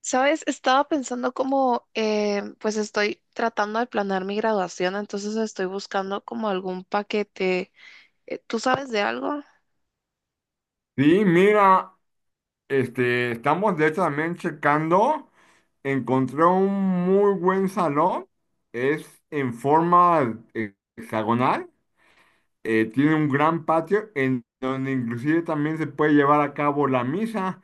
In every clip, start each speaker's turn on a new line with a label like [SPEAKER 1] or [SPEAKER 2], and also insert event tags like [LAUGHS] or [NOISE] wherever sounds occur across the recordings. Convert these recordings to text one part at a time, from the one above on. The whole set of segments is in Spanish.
[SPEAKER 1] Sabes, estaba pensando como, pues estoy tratando de planear mi graduación, entonces estoy buscando como algún paquete. ¿Tú sabes de algo?
[SPEAKER 2] Sí, mira, estamos de hecho también checando. Encontré un muy buen salón. Es en forma hexagonal. Tiene un gran patio en donde inclusive también se puede llevar a cabo la misa.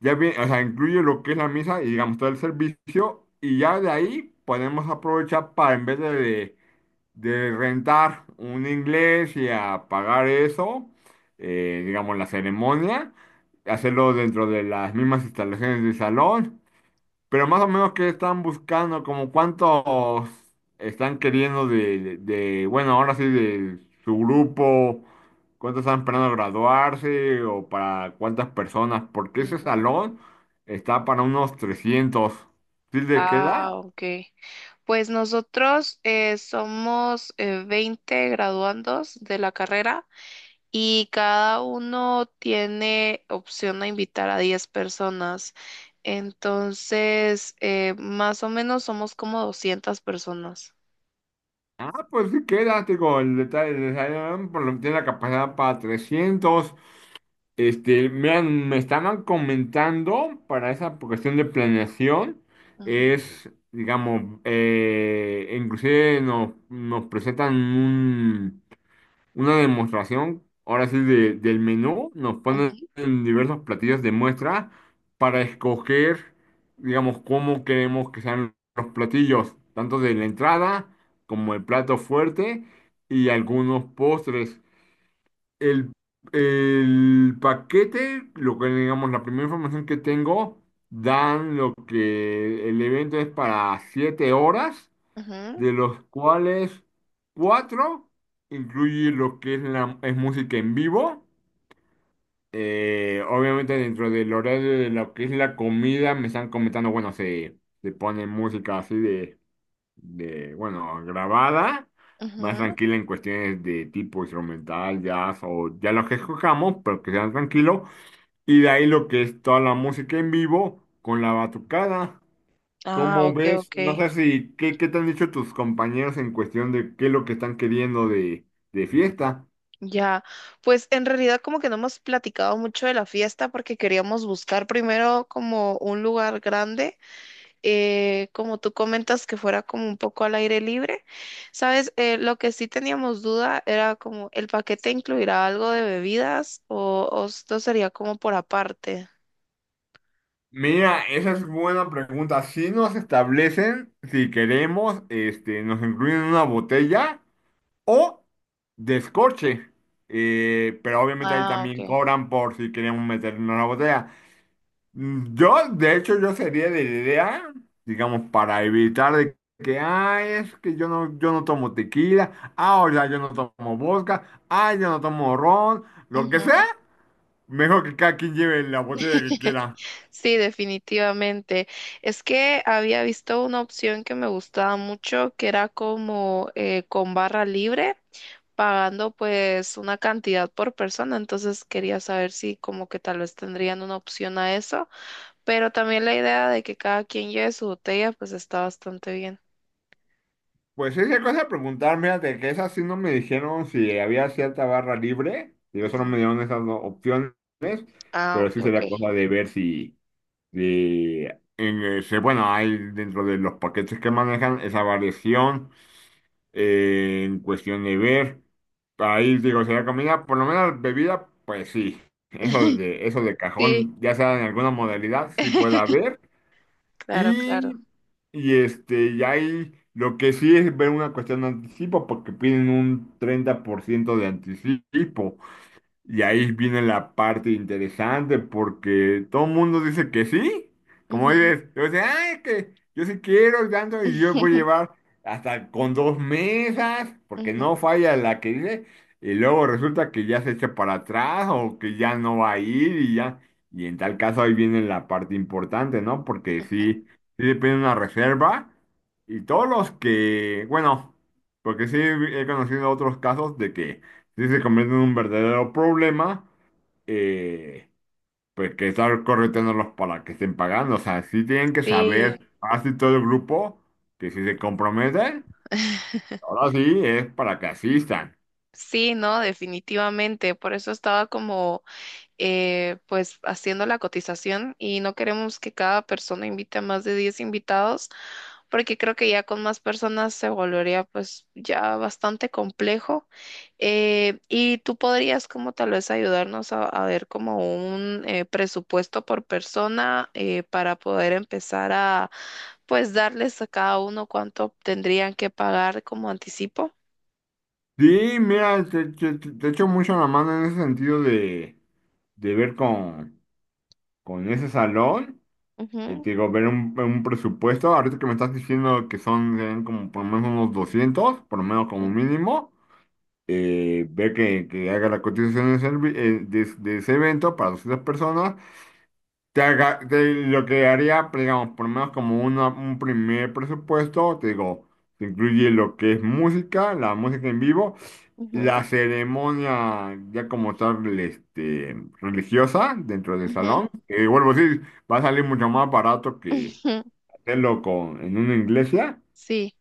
[SPEAKER 2] Ya bien, o sea, incluye lo que es la misa y digamos todo el servicio. Y ya de ahí podemos aprovechar para en vez de rentar un inglés y a pagar eso, digamos, la ceremonia, hacerlo dentro de las mismas instalaciones del salón, pero más o menos qué están buscando, como cuántos están queriendo bueno, ahora sí, de su grupo, cuántos están esperando graduarse o para cuántas personas, porque ese
[SPEAKER 1] Ujú.
[SPEAKER 2] salón está para unos 300. ¿Sí le
[SPEAKER 1] Ah,
[SPEAKER 2] queda?
[SPEAKER 1] ok. Pues nosotros somos 20 graduandos de la carrera y cada uno tiene opción a invitar a 10 personas. Entonces, más o menos somos como 200 personas.
[SPEAKER 2] Ah, pues sí, quédate con el detalle de Zion, por lo que tiene la capacidad para 300. Me estaban comentando para esa cuestión de planeación,
[SPEAKER 1] Ujú,
[SPEAKER 2] es, digamos, inclusive nos presentan una demostración, ahora sí, del menú, nos ponen
[SPEAKER 1] ujú,
[SPEAKER 2] diversos platillos de muestra para escoger, digamos, cómo queremos que sean los platillos, tanto de la entrada como el plato fuerte y algunos postres. El, el paquete, lo que digamos, la primera información que tengo, dan lo que el evento es para 7 horas,
[SPEAKER 1] ujú.
[SPEAKER 2] de los cuales cuatro incluye lo que es música en vivo. Obviamente dentro del horario de lo que es la comida me están comentando, bueno, se pone música así bueno, grabada, más
[SPEAKER 1] Ujú.
[SPEAKER 2] tranquila en cuestiones de tipo instrumental, jazz o ya lo que escojamos, pero que sean tranquilos. Y de ahí lo que es toda la música en vivo con la batucada.
[SPEAKER 1] Ah,
[SPEAKER 2] Cómo
[SPEAKER 1] ok,
[SPEAKER 2] ves,
[SPEAKER 1] ok.
[SPEAKER 2] no sé si, qué te han dicho tus compañeros en cuestión de qué es lo que están queriendo de fiesta?
[SPEAKER 1] Ya, pues en realidad como que no hemos platicado mucho de la fiesta porque queríamos buscar primero como un lugar grande, como tú comentas que fuera como un poco al aire libre. Sabes, lo que sí teníamos duda era como el paquete incluirá algo de bebidas o esto sería como por aparte.
[SPEAKER 2] Mira, esa es buena pregunta. Si nos establecen, si queremos, nos incluyen una botella o descorche. Pero obviamente ahí
[SPEAKER 1] Ah,
[SPEAKER 2] también
[SPEAKER 1] ok.
[SPEAKER 2] cobran por si queremos meter una botella. Yo, de hecho, yo sería de la idea, digamos, para evitar de que, ay, es que yo no tomo tequila, ah, o sea, yo no tomo vodka, ah, yo no tomo ron, lo que sea,
[SPEAKER 1] Ujú.
[SPEAKER 2] mejor que cada quien lleve la botella que
[SPEAKER 1] [LAUGHS]
[SPEAKER 2] quiera.
[SPEAKER 1] Sí, definitivamente. Es que había visto una opción que me gustaba mucho, que era como con barra libre, pagando pues una cantidad por persona. Entonces quería saber si como que tal vez tendrían una opción a eso, pero también la idea de que cada quien lleve su botella pues está bastante bien.
[SPEAKER 2] Pues esa cosa de preguntar, fíjate, que esas sí no me dijeron si había cierta barra libre, yo solo me
[SPEAKER 1] Ujú.
[SPEAKER 2] dieron esas dos opciones,
[SPEAKER 1] Ah,
[SPEAKER 2] pero
[SPEAKER 1] ok,
[SPEAKER 2] sí
[SPEAKER 1] ok.
[SPEAKER 2] sería cosa de ver si en, bueno, hay dentro de los paquetes que manejan esa variación. En cuestión de ver, ahí digo, sería comida, por lo menos bebida, pues sí,
[SPEAKER 1] [LAUGHS]
[SPEAKER 2] eso de
[SPEAKER 1] Sí,
[SPEAKER 2] cajón, ya sea en alguna modalidad, sí
[SPEAKER 1] [LAUGHS]
[SPEAKER 2] puede haber.
[SPEAKER 1] claro, claro.
[SPEAKER 2] Y, y y ahí lo que sí es ver una cuestión de anticipo, porque piden un 30% de anticipo. Y ahí viene la parte interesante, porque todo el mundo dice que sí. Como
[SPEAKER 1] Ujú.
[SPEAKER 2] dices, yo dice, ay, es que yo sí quiero y tanto, y yo voy a
[SPEAKER 1] [LAUGHS]
[SPEAKER 2] llevar hasta con dos mesas, porque
[SPEAKER 1] Ujú,
[SPEAKER 2] no falla la que dice, y luego resulta que ya se echa para atrás o que ya no va a ir y ya. Y en tal caso ahí viene la parte importante, ¿no? Porque
[SPEAKER 1] ujú.
[SPEAKER 2] sí, sí depende de una reserva. Y todos los que, bueno, porque sí he conocido otros casos de que sí se convierte en un verdadero problema, eh, pues que estar correteándolos para que estén pagando. O sea, sí tienen que
[SPEAKER 1] Sí.
[SPEAKER 2] saber, así todo el grupo, que si se comprometen,
[SPEAKER 1] [LAUGHS]
[SPEAKER 2] ahora sí es para que asistan.
[SPEAKER 1] Sí, no, definitivamente. Por eso estaba como, pues, haciendo la cotización y no queremos que cada persona invite a más de 10 invitados, porque creo que ya con más personas se volvería, pues, ya bastante complejo. Y tú podrías, como tal vez, ayudarnos a ver como un presupuesto por persona para poder empezar pues, darles a cada uno cuánto tendrían que pagar como anticipo.
[SPEAKER 2] Sí, mira, te echo mucho la mano en ese sentido de ver con ese salón.
[SPEAKER 1] Ujú,
[SPEAKER 2] Te digo, ver un presupuesto. Ahorita que me estás diciendo que serían como por lo menos unos 200 por lo menos como
[SPEAKER 1] ujú,
[SPEAKER 2] mínimo. Ver que haga la cotización de ese evento para 200 personas, lo que haría, pues, digamos, por lo menos como un primer presupuesto, te digo, te incluye lo que es música, la música en vivo, la
[SPEAKER 1] ujú.
[SPEAKER 2] ceremonia ya como tal religiosa dentro del
[SPEAKER 1] Ujú,
[SPEAKER 2] salón, que vuelvo a decir, va a salir mucho más barato que
[SPEAKER 1] ujú,
[SPEAKER 2] hacerlo en una iglesia.
[SPEAKER 1] Sí,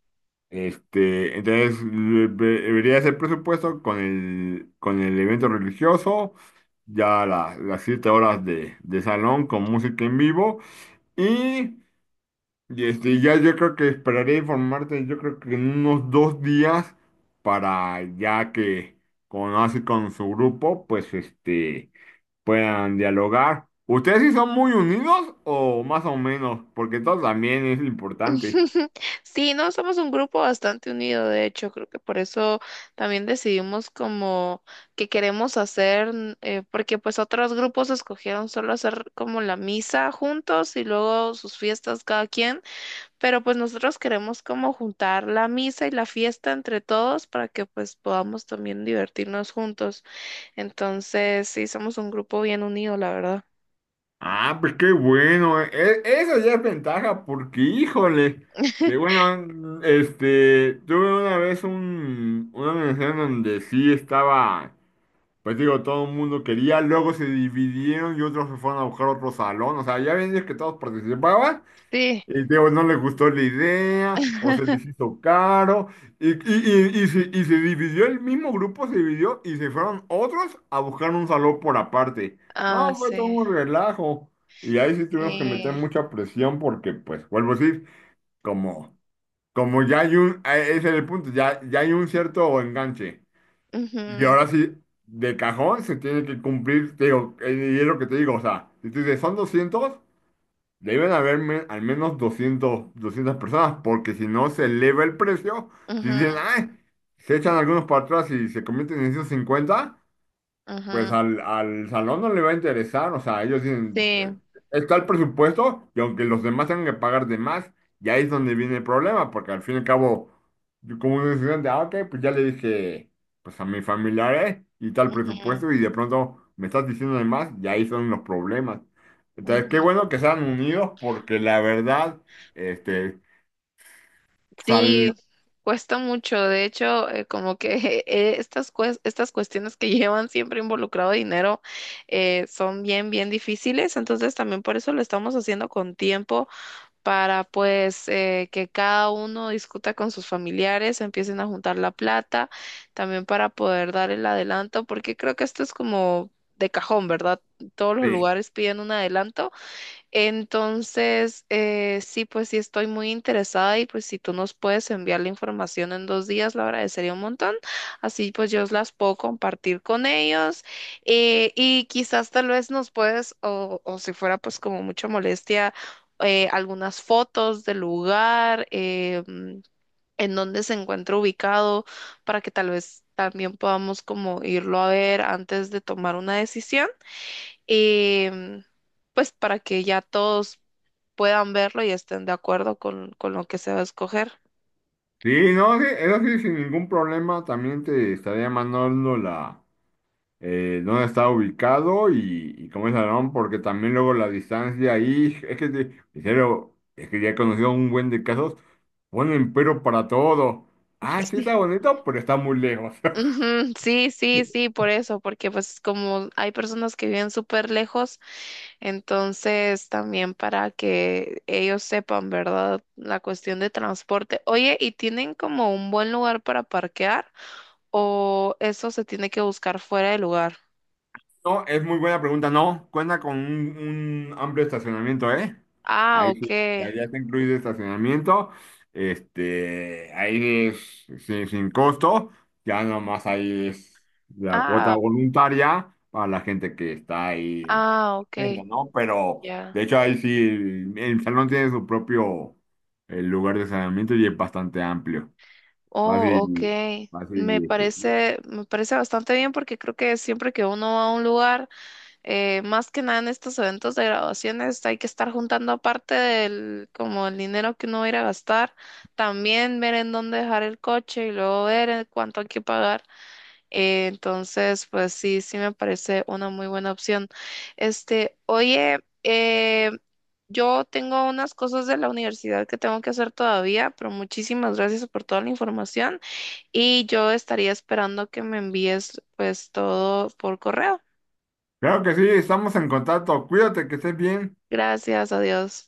[SPEAKER 2] Entonces debería ser presupuesto con el evento religioso, ya las 7 horas de salón con música en vivo y, ya yo creo que esperaré informarte, yo creo que en unos 2 días para ya que con así con su grupo, pues puedan dialogar. ¿Ustedes sí son muy unidos o más o menos? Porque todo también es importante.
[SPEAKER 1] [LAUGHS] sí, no, somos un grupo bastante unido, de hecho, creo que por eso también decidimos como que queremos hacer, porque pues otros grupos escogieron solo hacer como la misa juntos y luego sus fiestas cada quien, pero pues nosotros queremos como juntar la misa y la fiesta entre todos para que pues podamos también divertirnos juntos. Entonces, sí, somos un grupo bien unido, la verdad.
[SPEAKER 2] Ah, pues qué bueno. Eso ya es ventaja porque, híjole, que bueno, tuve una vez una universidad en donde sí estaba, pues digo, todo el mundo quería, luego se dividieron y otros se fueron a buscar otro salón, o sea, ya ven es que todos participaban,
[SPEAKER 1] Sí,
[SPEAKER 2] y digo, no le gustó la idea, o se les hizo caro, y se dividió el mismo grupo, se dividió y se fueron otros a buscar un salón por aparte.
[SPEAKER 1] ah,
[SPEAKER 2] No, fue todo
[SPEAKER 1] sí,
[SPEAKER 2] un relajo. Y ahí sí tuvimos que meter
[SPEAKER 1] sí.
[SPEAKER 2] mucha presión porque, pues, vuelvo a decir, como, como ya hay ese es el punto, ya hay un cierto enganche. Y
[SPEAKER 1] Ujú,
[SPEAKER 2] ahora sí, de cajón se tiene que cumplir, te digo, y es lo que te digo, o sea, si tú dices, son 200. Deben haber al menos 200, 200 personas, porque si no se eleva el precio, si dicen,
[SPEAKER 1] ujú,
[SPEAKER 2] ay, se echan algunos para atrás y se convierten en 150. Pues
[SPEAKER 1] ujú,
[SPEAKER 2] al salón no le va a interesar, o sea, ellos dicen,
[SPEAKER 1] Sí,
[SPEAKER 2] está el presupuesto y aunque los demás tengan que pagar de más, y ahí es donde viene el problema, porque al fin y al cabo, yo como un estudiante, ah, ok, pues ya le dije, pues a mis familiares y tal
[SPEAKER 1] ujú,
[SPEAKER 2] presupuesto y de pronto me estás diciendo de más, y ahí son los problemas. Entonces, qué
[SPEAKER 1] ujú.
[SPEAKER 2] bueno que sean unidos porque la verdad, este,
[SPEAKER 1] Sí,
[SPEAKER 2] sal,
[SPEAKER 1] cuesta mucho. De hecho, como que [LAUGHS] estas, estas cuestiones que [LAUGHS] llevan siempre involucrado dinero son bien difíciles. Entonces, también por eso lo estamos haciendo con tiempo para pues que cada uno discuta con sus familiares, empiecen a juntar la plata, también para poder dar el adelanto, porque creo que esto es como de cajón, ¿verdad? Todos los
[SPEAKER 2] sí,
[SPEAKER 1] lugares piden un adelanto. Entonces, sí, pues sí estoy muy interesada y pues si tú nos puedes enviar la información en 2 días, lo agradecería un montón. Así pues yo las puedo compartir con ellos y quizás tal vez nos puedes, o si fuera pues como mucha molestia, algunas fotos del lugar, en donde se encuentra ubicado, para que tal vez también podamos como irlo a ver antes de tomar una decisión. Em, pues para que ya todos puedan verlo y estén de acuerdo con lo que se va a escoger.
[SPEAKER 2] sí, no, sí, eso sí, sin ningún problema, también te estaría mandando dónde está ubicado y cómo es el salón, porque también luego la distancia ahí, [LAUGHS] es que, en serio, es que ya he conocido un buen de casos, ponen pero para todo. Ah, sí está
[SPEAKER 1] Sí.
[SPEAKER 2] bonito, pero está muy lejos.
[SPEAKER 1] Ujú, sí, sí, sí, por eso, porque pues como hay personas que viven súper lejos, entonces también para que ellos sepan, ¿verdad? La cuestión de transporte. Oye, ¿y tienen como un buen lugar para parquear o eso se tiene que buscar fuera del lugar?
[SPEAKER 2] No, es muy buena pregunta. No, cuenta con un amplio estacionamiento, ¿eh?
[SPEAKER 1] Ah,
[SPEAKER 2] Ahí sí,
[SPEAKER 1] ok.
[SPEAKER 2] ya está incluido estacionamiento. Ahí es sin costo. Ya nomás ahí es la cuota
[SPEAKER 1] Ah,
[SPEAKER 2] voluntaria para la gente que está ahí,
[SPEAKER 1] ah, ok.
[SPEAKER 2] haciendo, ¿no? Pero
[SPEAKER 1] Ya.
[SPEAKER 2] de hecho ahí sí, el salón tiene su propio lugar de estacionamiento y es bastante amplio.
[SPEAKER 1] Oh, ok.
[SPEAKER 2] Fácil, fácil.
[SPEAKER 1] Me parece bastante bien porque creo que siempre que uno va a un lugar, más que nada en estos eventos de graduaciones, hay que estar juntando aparte del, como el dinero que uno va a ir a gastar, también ver en dónde dejar el coche y luego ver en cuánto hay que pagar. Entonces, pues sí, sí me parece una muy buena opción. Este, oye, yo tengo unas cosas de la universidad que tengo que hacer todavía, pero muchísimas gracias por toda la información y yo estaría esperando que me envíes pues todo por correo.
[SPEAKER 2] Claro que sí, estamos en contacto. Cuídate, que estés bien.
[SPEAKER 1] Gracias, adiós.